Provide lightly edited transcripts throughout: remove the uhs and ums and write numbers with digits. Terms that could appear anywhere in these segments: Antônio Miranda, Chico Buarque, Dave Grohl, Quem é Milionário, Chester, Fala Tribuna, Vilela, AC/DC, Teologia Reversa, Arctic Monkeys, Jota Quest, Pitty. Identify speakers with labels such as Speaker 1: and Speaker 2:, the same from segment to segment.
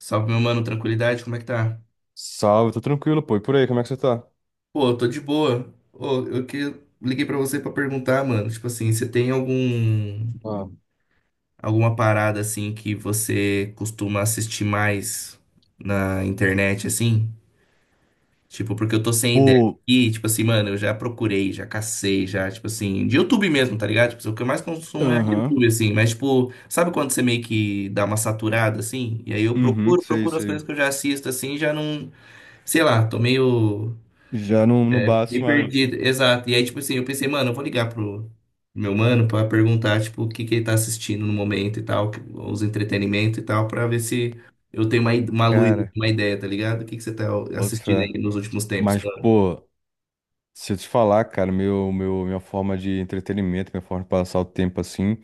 Speaker 1: Salve, meu mano, tranquilidade, como é que tá?
Speaker 2: Salve, tô tranquilo, pô. E por aí, como é que você tá?
Speaker 1: Pô, eu tô de boa. Ô, eu que liguei pra você pra perguntar, mano, tipo assim, você tem algum
Speaker 2: Ah,
Speaker 1: alguma parada assim que você costuma assistir mais na internet assim? Tipo, porque eu tô sem ideia.
Speaker 2: pô,
Speaker 1: E tipo assim, mano, eu já procurei, já cacei, já, tipo assim, de YouTube mesmo, tá ligado? Tipo, assim, o que eu mais consumo é
Speaker 2: aham,
Speaker 1: YouTube assim, mas tipo, sabe quando você meio que dá uma saturada assim? E aí eu
Speaker 2: uhum,
Speaker 1: procuro,
Speaker 2: sei,
Speaker 1: procuro as coisas
Speaker 2: sei.
Speaker 1: que eu já assisto assim, já não, sei lá, tô meio
Speaker 2: Já não, não
Speaker 1: é
Speaker 2: bate,
Speaker 1: bem
Speaker 2: mas.
Speaker 1: perdido, exato. E aí, tipo assim, eu pensei, mano, eu vou ligar pro meu mano pra perguntar, tipo, o que que ele tá assistindo no momento e tal, os entretenimentos e tal, pra ver se eu tenho uma, uma luz,
Speaker 2: Cara,
Speaker 1: uma ideia, tá ligado? O que que você tá
Speaker 2: boto
Speaker 1: assistindo
Speaker 2: fé.
Speaker 1: aí nos últimos tempos,
Speaker 2: Mas,
Speaker 1: mano?
Speaker 2: pô, se eu te falar, cara, minha forma de entretenimento, minha forma de passar o tempo assim.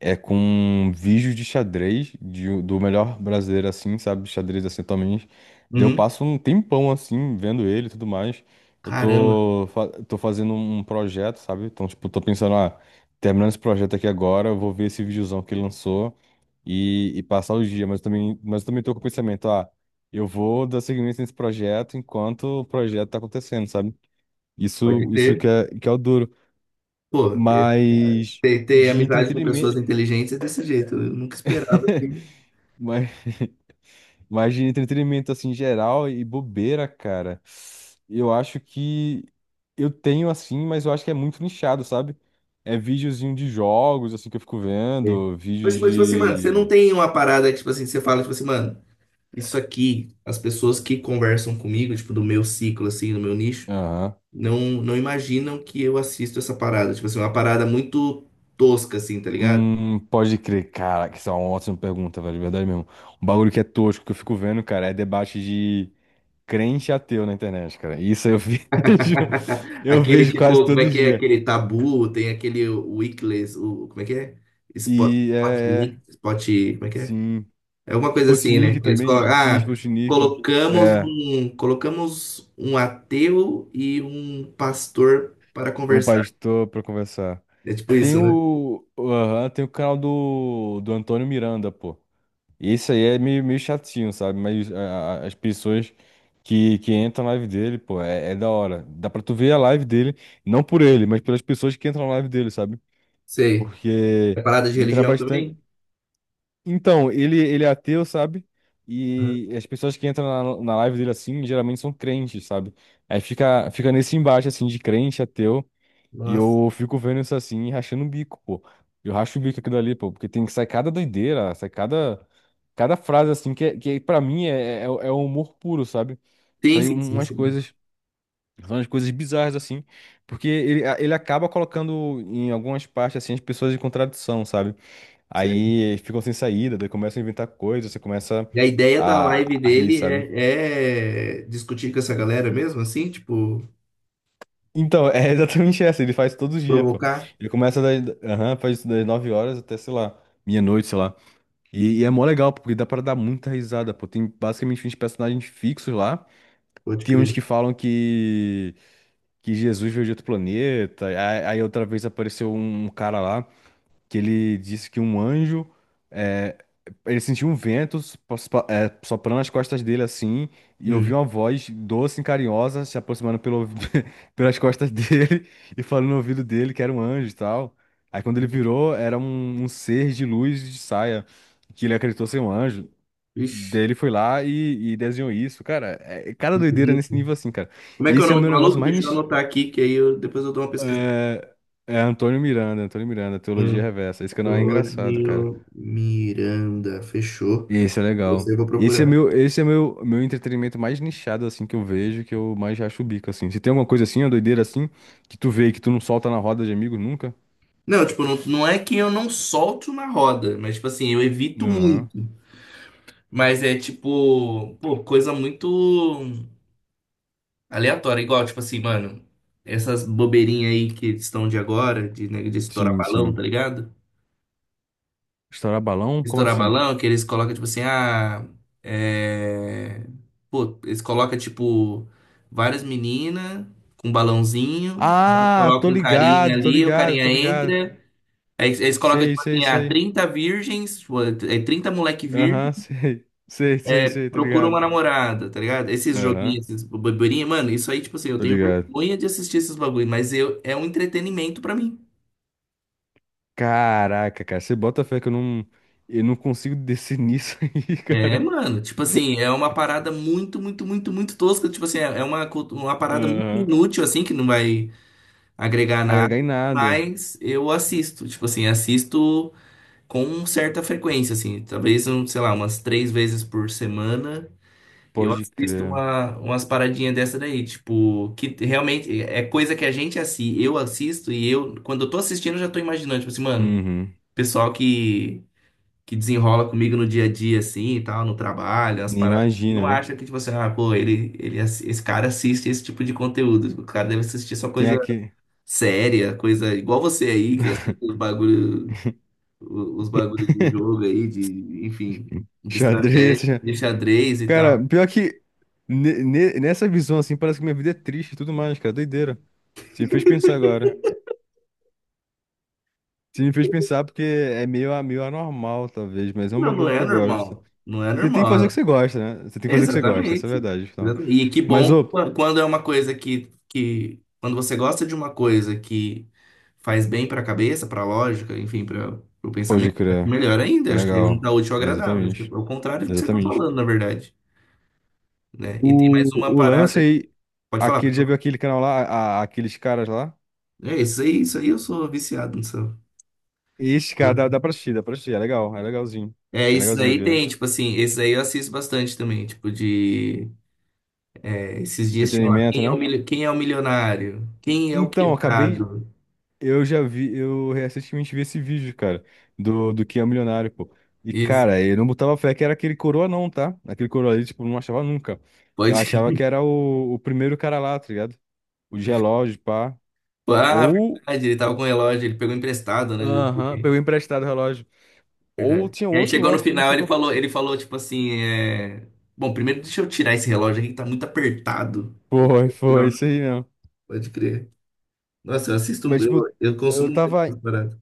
Speaker 2: É com vídeos de xadrez do melhor brasileiro, assim, sabe? Xadrez, assim, atualmente. Daí eu
Speaker 1: Uhum.
Speaker 2: passo um tempão, assim, vendo ele e tudo mais. Eu
Speaker 1: Caramba,
Speaker 2: tô, fa- tô fazendo um projeto, sabe? Então, tipo, tô pensando, ah, terminando esse projeto aqui agora, eu vou ver esse videozão que ele lançou e passar o dia. Mas eu também tô com o pensamento, ah, eu vou dar seguimento nesse projeto enquanto o projeto tá acontecendo, sabe?
Speaker 1: pode
Speaker 2: Isso que
Speaker 1: ter.
Speaker 2: é, que é o duro.
Speaker 1: Pô, é,
Speaker 2: Mas
Speaker 1: ter
Speaker 2: de
Speaker 1: amizade com pessoas
Speaker 2: entretenimento.
Speaker 1: inteligentes é desse jeito. Eu nunca esperava que.
Speaker 2: Mas, mas de entretenimento assim geral e bobeira, cara. Eu acho que eu tenho assim, mas eu acho que é muito nichado, sabe? É videozinho de jogos assim que eu fico
Speaker 1: É.
Speaker 2: vendo, vídeo
Speaker 1: Mas, tipo assim, mano, você não
Speaker 2: de.
Speaker 1: tem uma parada que, tipo assim, você fala, tipo assim, mano, isso aqui, as pessoas que conversam comigo, tipo, do meu ciclo, assim, do meu nicho.
Speaker 2: Aham.
Speaker 1: Não imaginam que eu assisto essa parada. Tipo assim, uma parada muito tosca, assim, tá ligado?
Speaker 2: Pode crer, cara, que isso é uma ótima pergunta, velho, de verdade mesmo. Um bagulho que é tosco que eu fico vendo, cara, é debate de crente e ateu na internet, cara. Isso eu vejo, eu
Speaker 1: Aquele,
Speaker 2: vejo quase
Speaker 1: tipo, como é
Speaker 2: todo
Speaker 1: que é?
Speaker 2: dia.
Speaker 1: Aquele Tabu, tem aquele Weekless, o, como é que é? Spot,
Speaker 2: E
Speaker 1: spot,
Speaker 2: é, é,
Speaker 1: spot, como é que é?
Speaker 2: sim.
Speaker 1: É alguma coisa assim, né?
Speaker 2: Sputnik
Speaker 1: Eles
Speaker 2: também,
Speaker 1: colocam,
Speaker 2: sim,
Speaker 1: ah,
Speaker 2: Sputnik.
Speaker 1: colocamos
Speaker 2: É,
Speaker 1: um, colocamos um ateu e um pastor para
Speaker 2: um
Speaker 1: conversar.
Speaker 2: pastor pra conversar.
Speaker 1: É tipo
Speaker 2: Tem
Speaker 1: isso, né?
Speaker 2: o, aham, tem o canal do Antônio Miranda, pô. Esse aí é meio, meio chatinho, sabe? Mas as pessoas que entram na live dele, pô, é da hora. Dá pra tu ver a live dele, não por ele, mas pelas pessoas que entram na live dele, sabe?
Speaker 1: Sei. É
Speaker 2: Porque
Speaker 1: parada de
Speaker 2: entra
Speaker 1: religião
Speaker 2: bastante.
Speaker 1: também?
Speaker 2: Então, ele é ateu, sabe?
Speaker 1: Aham.
Speaker 2: E as pessoas que entram na live dele assim, geralmente são crentes, sabe? Aí fica nesse embate assim de crente, ateu, e
Speaker 1: Nossa.
Speaker 2: eu fico vendo isso assim e rachando o bico, pô. Eu racho o bico aquilo ali, pô, porque tem que sair cada doideira, sai cada, cada frase assim, que é, pra mim é humor puro, sabe?
Speaker 1: Sim,
Speaker 2: Sai
Speaker 1: sim, sim,
Speaker 2: umas
Speaker 1: sim.
Speaker 2: coisas, são umas coisas bizarras assim, porque ele acaba colocando em algumas partes assim as pessoas em contradição, sabe? Aí ficam sem saída, daí começam a inventar coisas, você começa
Speaker 1: E a ideia da live
Speaker 2: a rir,
Speaker 1: dele
Speaker 2: sabe?
Speaker 1: é, é discutir com essa galera mesmo, assim, tipo,
Speaker 2: Então, é exatamente essa, ele faz todos os dias, pô.
Speaker 1: provocar?
Speaker 2: Ele começa das, aham, faz das 9h até, sei lá, meia-noite, sei lá. E é mó legal, porque dá pra dar muita risada, pô. Tem basicamente 20 personagens fixos lá.
Speaker 1: Pode
Speaker 2: Tem uns
Speaker 1: crer.
Speaker 2: que falam que Jesus veio de outro planeta. Aí outra vez apareceu um cara lá, que ele disse que um anjo, é, ele sentiu um vento, soprando nas costas dele assim, e
Speaker 1: Hum.
Speaker 2: ouviu uma voz doce e carinhosa se aproximando pelo, pelas costas dele e falando no ouvido dele que era um anjo e tal. Aí quando ele virou, era um ser de luz de saia, que ele acreditou ser um anjo.
Speaker 1: Ixi,
Speaker 2: Daí ele foi lá e desenhou isso. Cara, é cada
Speaker 1: que
Speaker 2: doideira
Speaker 1: bonito.
Speaker 2: nesse nível assim, cara.
Speaker 1: Como é que é o
Speaker 2: Esse é o
Speaker 1: nome
Speaker 2: meu
Speaker 1: do
Speaker 2: negócio
Speaker 1: maluco?
Speaker 2: mais.
Speaker 1: Deixa eu
Speaker 2: Nis-
Speaker 1: anotar aqui, que aí eu, depois eu dou uma pesquisa.
Speaker 2: É, é Antônio Miranda, Antônio Miranda, Teologia Reversa. Esse canal é engraçado, cara.
Speaker 1: Antônio Miranda, fechou.
Speaker 2: Esse é
Speaker 1: Você
Speaker 2: legal.
Speaker 1: eu vou
Speaker 2: Esse é
Speaker 1: procurar.
Speaker 2: meu, esse é meu, meu entretenimento mais nichado, assim, que eu vejo, que eu mais acho o bico, assim. Se tem alguma coisa assim, uma doideira assim, que tu vê e que tu não solta na roda de amigos nunca?
Speaker 1: Não, tipo, não é que eu não solto na roda, mas, tipo assim, eu evito
Speaker 2: Aham.
Speaker 1: muito. Mas é, tipo, pô, coisa muito. Aleatório, igual, tipo assim, mano, essas bobeirinhas aí que estão de agora, de, né, de estourar
Speaker 2: Sim,
Speaker 1: balão,
Speaker 2: sim.
Speaker 1: tá ligado?
Speaker 2: Estourar balão? Como
Speaker 1: Estourar
Speaker 2: assim?
Speaker 1: balão, que eles colocam, tipo assim, ah, é... Pô, eles colocam, tipo, várias meninas com balãozinho, aí
Speaker 2: Ah, tô
Speaker 1: colocam um carinha
Speaker 2: ligado, tô
Speaker 1: ali, o
Speaker 2: ligado,
Speaker 1: carinha
Speaker 2: tô ligado.
Speaker 1: entra, aí eles colocam,
Speaker 2: Sei,
Speaker 1: tipo
Speaker 2: sei,
Speaker 1: assim, ah,
Speaker 2: sei.
Speaker 1: 30 virgens, tipo, é 30 moleque virgem,
Speaker 2: Aham, sei. Sei, sei, sei, tô
Speaker 1: procura
Speaker 2: ligado.
Speaker 1: uma namorada, tá ligado? Esses
Speaker 2: Aham,
Speaker 1: joguinhos, esses boborinhos, mano, isso aí, tipo assim, eu
Speaker 2: tô
Speaker 1: tenho
Speaker 2: ligado.
Speaker 1: vergonha de assistir esses bagulho, mas eu, é um entretenimento pra mim.
Speaker 2: Caraca, cara, você bota fé que eu não consigo descer nisso aí,
Speaker 1: É,
Speaker 2: cara.
Speaker 1: mano, tipo assim, é uma parada muito tosca. Tipo assim, é uma, uma parada muito
Speaker 2: Aham.
Speaker 1: inútil, assim, que não vai agregar nada,
Speaker 2: Agregar em nada.
Speaker 1: mas eu assisto, tipo assim, assisto com certa frequência, assim, talvez, um, sei lá, umas três vezes por semana. Eu
Speaker 2: Pode
Speaker 1: assisto
Speaker 2: crer.
Speaker 1: uma, umas paradinhas dessa daí, tipo, que realmente é coisa que a gente assim, eu assisto e eu, quando eu tô assistindo, eu já tô imaginando, tipo assim, mano,
Speaker 2: Uhum.
Speaker 1: pessoal que desenrola comigo no dia a dia, assim, e tal, no trabalho, umas
Speaker 2: Nem
Speaker 1: paradas, não
Speaker 2: imagina, né?
Speaker 1: acha que, tipo assim, ah, pô, esse cara assiste esse tipo de conteúdo, o cara deve assistir só
Speaker 2: Tem
Speaker 1: coisa
Speaker 2: aqui.
Speaker 1: séria, coisa igual você aí, que assiste os bagulho, os bagulhos de jogo aí, de, enfim, de
Speaker 2: Xadrez.
Speaker 1: estratégia,
Speaker 2: Xa-
Speaker 1: de xadrez e
Speaker 2: Cara,
Speaker 1: tal.
Speaker 2: pior que nessa visão assim, parece que minha vida é triste e tudo mais, cara. Doideira. Você me fez pensar agora. Você me fez pensar porque é meio, meio anormal, talvez, mas é um
Speaker 1: Não, não
Speaker 2: bagulho que
Speaker 1: é
Speaker 2: eu gosto.
Speaker 1: normal. Não é
Speaker 2: Você tem que fazer o
Speaker 1: normal.
Speaker 2: que você gosta, né? Você tem que fazer o que você gosta, essa é a
Speaker 1: Exatamente.
Speaker 2: verdade, afinal.
Speaker 1: Exatamente. E que
Speaker 2: Mas,
Speaker 1: bom
Speaker 2: ô,
Speaker 1: quando é uma coisa que quando você gosta de uma coisa que faz bem para a cabeça, para a lógica, enfim, para o
Speaker 2: pode
Speaker 1: pensamento, é
Speaker 2: crer.
Speaker 1: melhor
Speaker 2: É
Speaker 1: ainda. Acho que a gente
Speaker 2: legal.
Speaker 1: dá útil ao
Speaker 2: É,
Speaker 1: agradável. Acho que é
Speaker 2: exatamente.
Speaker 1: o contrário do que você está
Speaker 2: Exatamente.
Speaker 1: falando, na verdade, né? E tem mais uma
Speaker 2: O lance
Speaker 1: parada.
Speaker 2: aí,
Speaker 1: Pode falar,
Speaker 2: aquele,
Speaker 1: pode
Speaker 2: já viu
Speaker 1: falar.
Speaker 2: aquele canal lá, aqueles caras lá?
Speaker 1: É isso aí eu sou viciado nisso.
Speaker 2: Ixi, cara, dá pra assistir, dá pra assistir. É legal, é legalzinho.
Speaker 1: É,
Speaker 2: É
Speaker 1: isso
Speaker 2: legalzinho de
Speaker 1: aí
Speaker 2: ver.
Speaker 1: tem, tipo assim, esse aí eu assisto bastante também, tipo de esses dias tinha lá,
Speaker 2: Entretenimento,
Speaker 1: quem é o,
Speaker 2: né?
Speaker 1: quem é o milionário? Quem é o
Speaker 2: Então, eu acabei.
Speaker 1: quebrado?
Speaker 2: Eu já vi, eu recentemente vi esse vídeo, cara, do Quem é Milionário, pô. E,
Speaker 1: Isso,
Speaker 2: cara, eu não botava fé que era aquele coroa, não, tá? Aquele coroa ali, tipo, não achava nunca. Eu
Speaker 1: pode.
Speaker 2: achava que era o primeiro cara lá, tá ligado? O de relógio, pá.
Speaker 1: Ah,
Speaker 2: Ou.
Speaker 1: verdade, ele tava com o relógio, ele pegou emprestado, né? Não sei
Speaker 2: Aham, pegou
Speaker 1: quem.
Speaker 2: emprestado o relógio. Ou
Speaker 1: Verdade.
Speaker 2: tinha
Speaker 1: E aí
Speaker 2: outro
Speaker 1: chegou no
Speaker 2: lá que não
Speaker 1: final,
Speaker 2: sei
Speaker 1: ele
Speaker 2: qual.
Speaker 1: falou, ele falou tipo assim, é... Bom, primeiro deixa eu tirar esse relógio aqui que tá muito apertado.
Speaker 2: Foi, foi,
Speaker 1: Não,
Speaker 2: isso aí mesmo.
Speaker 1: pode crer. Nossa, eu assisto,
Speaker 2: Mas, tipo,
Speaker 1: eu
Speaker 2: eu
Speaker 1: consumo muito
Speaker 2: tava.
Speaker 1: essas paradas.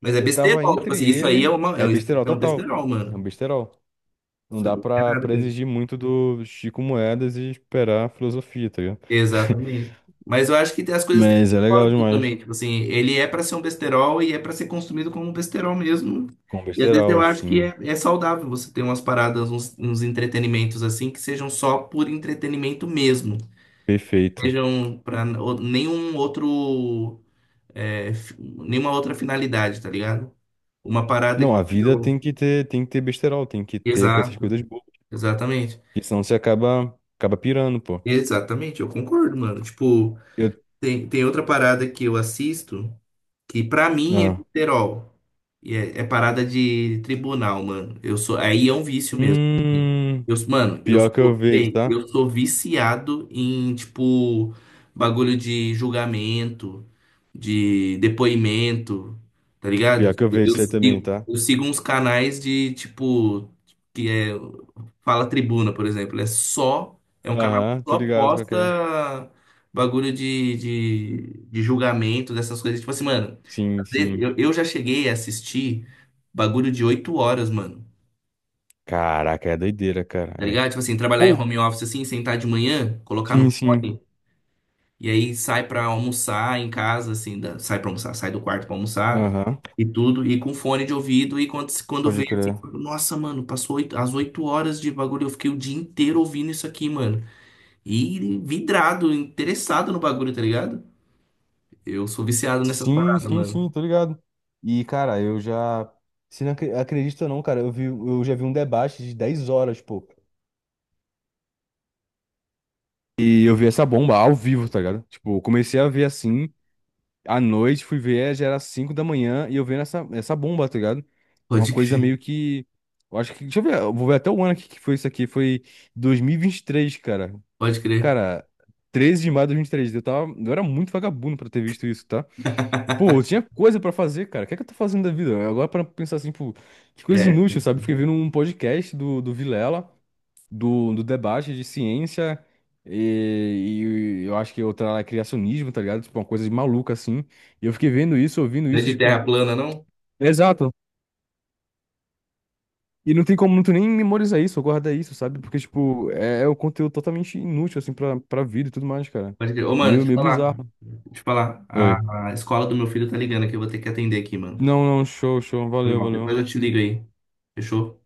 Speaker 1: Mas é
Speaker 2: Eu tava
Speaker 1: besterol, tipo
Speaker 2: entre
Speaker 1: assim, isso aí é,
Speaker 2: ele.
Speaker 1: uma, é
Speaker 2: É
Speaker 1: um,
Speaker 2: besterol
Speaker 1: é um
Speaker 2: total.
Speaker 1: besterol,
Speaker 2: É um
Speaker 1: mano.
Speaker 2: besterol. Não
Speaker 1: Você
Speaker 2: dá
Speaker 1: não quer
Speaker 2: pra,
Speaker 1: nada
Speaker 2: pra
Speaker 1: com
Speaker 2: exigir muito do Chico Moedas e esperar a filosofia, tá ligado?
Speaker 1: exatamente. Mas eu acho que as coisas têm
Speaker 2: Mas é legal
Speaker 1: propósito
Speaker 2: demais.
Speaker 1: também. Tipo assim, ele é para ser um besterol e é para ser consumido como um besterol mesmo.
Speaker 2: Com
Speaker 1: E às vezes eu
Speaker 2: besterol,
Speaker 1: acho que
Speaker 2: sim.
Speaker 1: é saudável você ter umas paradas, uns entretenimentos assim, que sejam só por entretenimento mesmo.
Speaker 2: Perfeito.
Speaker 1: Sejam para nenhum outro, nenhuma outra finalidade, tá ligado? Uma parada
Speaker 2: Não,
Speaker 1: que
Speaker 2: a vida
Speaker 1: eu.
Speaker 2: tem que ter, besterol, tem que ter com essas coisas
Speaker 1: Exato,
Speaker 2: boas.
Speaker 1: exatamente.
Speaker 2: Porque senão você acaba pirando, pô.
Speaker 1: Exatamente, eu concordo, mano. Tipo,
Speaker 2: Eu,
Speaker 1: tem outra parada que eu assisto. Que pra mim é
Speaker 2: ah.
Speaker 1: besterol. E é parada de tribunal, mano. Eu sou, aí é um vício mesmo assim.
Speaker 2: Hum,
Speaker 1: Eu, mano, eu
Speaker 2: Pior que eu
Speaker 1: sou,
Speaker 2: vejo,
Speaker 1: bem,
Speaker 2: tá?
Speaker 1: eu sou viciado em, tipo, bagulho de julgamento, de depoimento, tá ligado?
Speaker 2: Pior que eu vejo
Speaker 1: Eu
Speaker 2: isso aí também,
Speaker 1: sigo,
Speaker 2: tá?
Speaker 1: eu sigo uns canais de, tipo, que é Fala Tribuna, por exemplo. É só, é um canal que
Speaker 2: Aham, tô
Speaker 1: só
Speaker 2: ligado qual que
Speaker 1: posta
Speaker 2: é.
Speaker 1: bagulho de julgamento, dessas coisas. Tipo assim, mano.
Speaker 2: Sim, sim.
Speaker 1: Eu já cheguei a assistir bagulho de 8 horas, mano.
Speaker 2: Caraca, é doideira, cara.
Speaker 1: Tá
Speaker 2: É.
Speaker 1: ligado? Tipo assim, trabalhar em home office assim, sentar de manhã, colocar
Speaker 2: Sim,
Speaker 1: no
Speaker 2: sim.
Speaker 1: fone, e aí sai pra almoçar em casa, assim, sai pra almoçar, sai do quarto pra almoçar
Speaker 2: Aham,
Speaker 1: e tudo, e com fone de ouvido, e quando vê
Speaker 2: pode
Speaker 1: assim,
Speaker 2: crer.
Speaker 1: nossa, mano, as 8 horas de bagulho, eu fiquei o dia inteiro ouvindo isso aqui, mano. E vidrado, interessado no bagulho, tá ligado? Eu sou viciado nessas
Speaker 2: Sim,
Speaker 1: paradas,
Speaker 2: sim,
Speaker 1: mano.
Speaker 2: sim, tô ligado. E, cara, eu já. Se não acredita ou não, cara, eu já vi um debate de 10 horas, pô. E eu vi essa bomba ao vivo, tá ligado? Tipo, eu comecei a ver assim, à noite, fui ver, já era 5h da manhã, e eu vendo essa bomba, tá ligado? Uma
Speaker 1: Pode
Speaker 2: coisa
Speaker 1: crer,
Speaker 2: meio que. Eu acho que. Deixa eu ver, eu vou ver até o ano que foi isso aqui. Foi dois mil e vinte e três, cara.
Speaker 1: pode crer.
Speaker 2: Cara, 13 de maio de dois mil e vinte e três. Eu tava. Eu era muito vagabundo pra ter visto isso, tá? E, pô, eu tinha coisa pra fazer, cara. O que é que eu tô fazendo da vida? Agora para pensar assim, tipo, que coisa
Speaker 1: É.
Speaker 2: inútil, sabe? Fiquei vendo um podcast do Vilela, do debate de ciência e eu acho que outra lá é criacionismo, tá ligado? Tipo, uma coisa de maluca assim. E eu fiquei vendo isso, ouvindo
Speaker 1: Não é
Speaker 2: isso,
Speaker 1: de
Speaker 2: tipo.
Speaker 1: terra plana, não?
Speaker 2: Exato. E não tem como muito nem memorizar isso, ou guardar isso, sabe? Porque, tipo, é um conteúdo totalmente inútil, assim, pra vida e tudo mais, cara.
Speaker 1: Pode crer. Ô, mano,
Speaker 2: Meio,
Speaker 1: deixa eu
Speaker 2: meio
Speaker 1: falar.
Speaker 2: bizarro.
Speaker 1: Deixa eu falar.
Speaker 2: Oi.
Speaker 1: A escola do meu filho tá ligando aqui. Eu vou ter que atender aqui, mano.
Speaker 2: Não, não, show, show.
Speaker 1: Foi
Speaker 2: Valeu,
Speaker 1: mal. Depois eu
Speaker 2: valeu.
Speaker 1: te ligo aí. Fechou?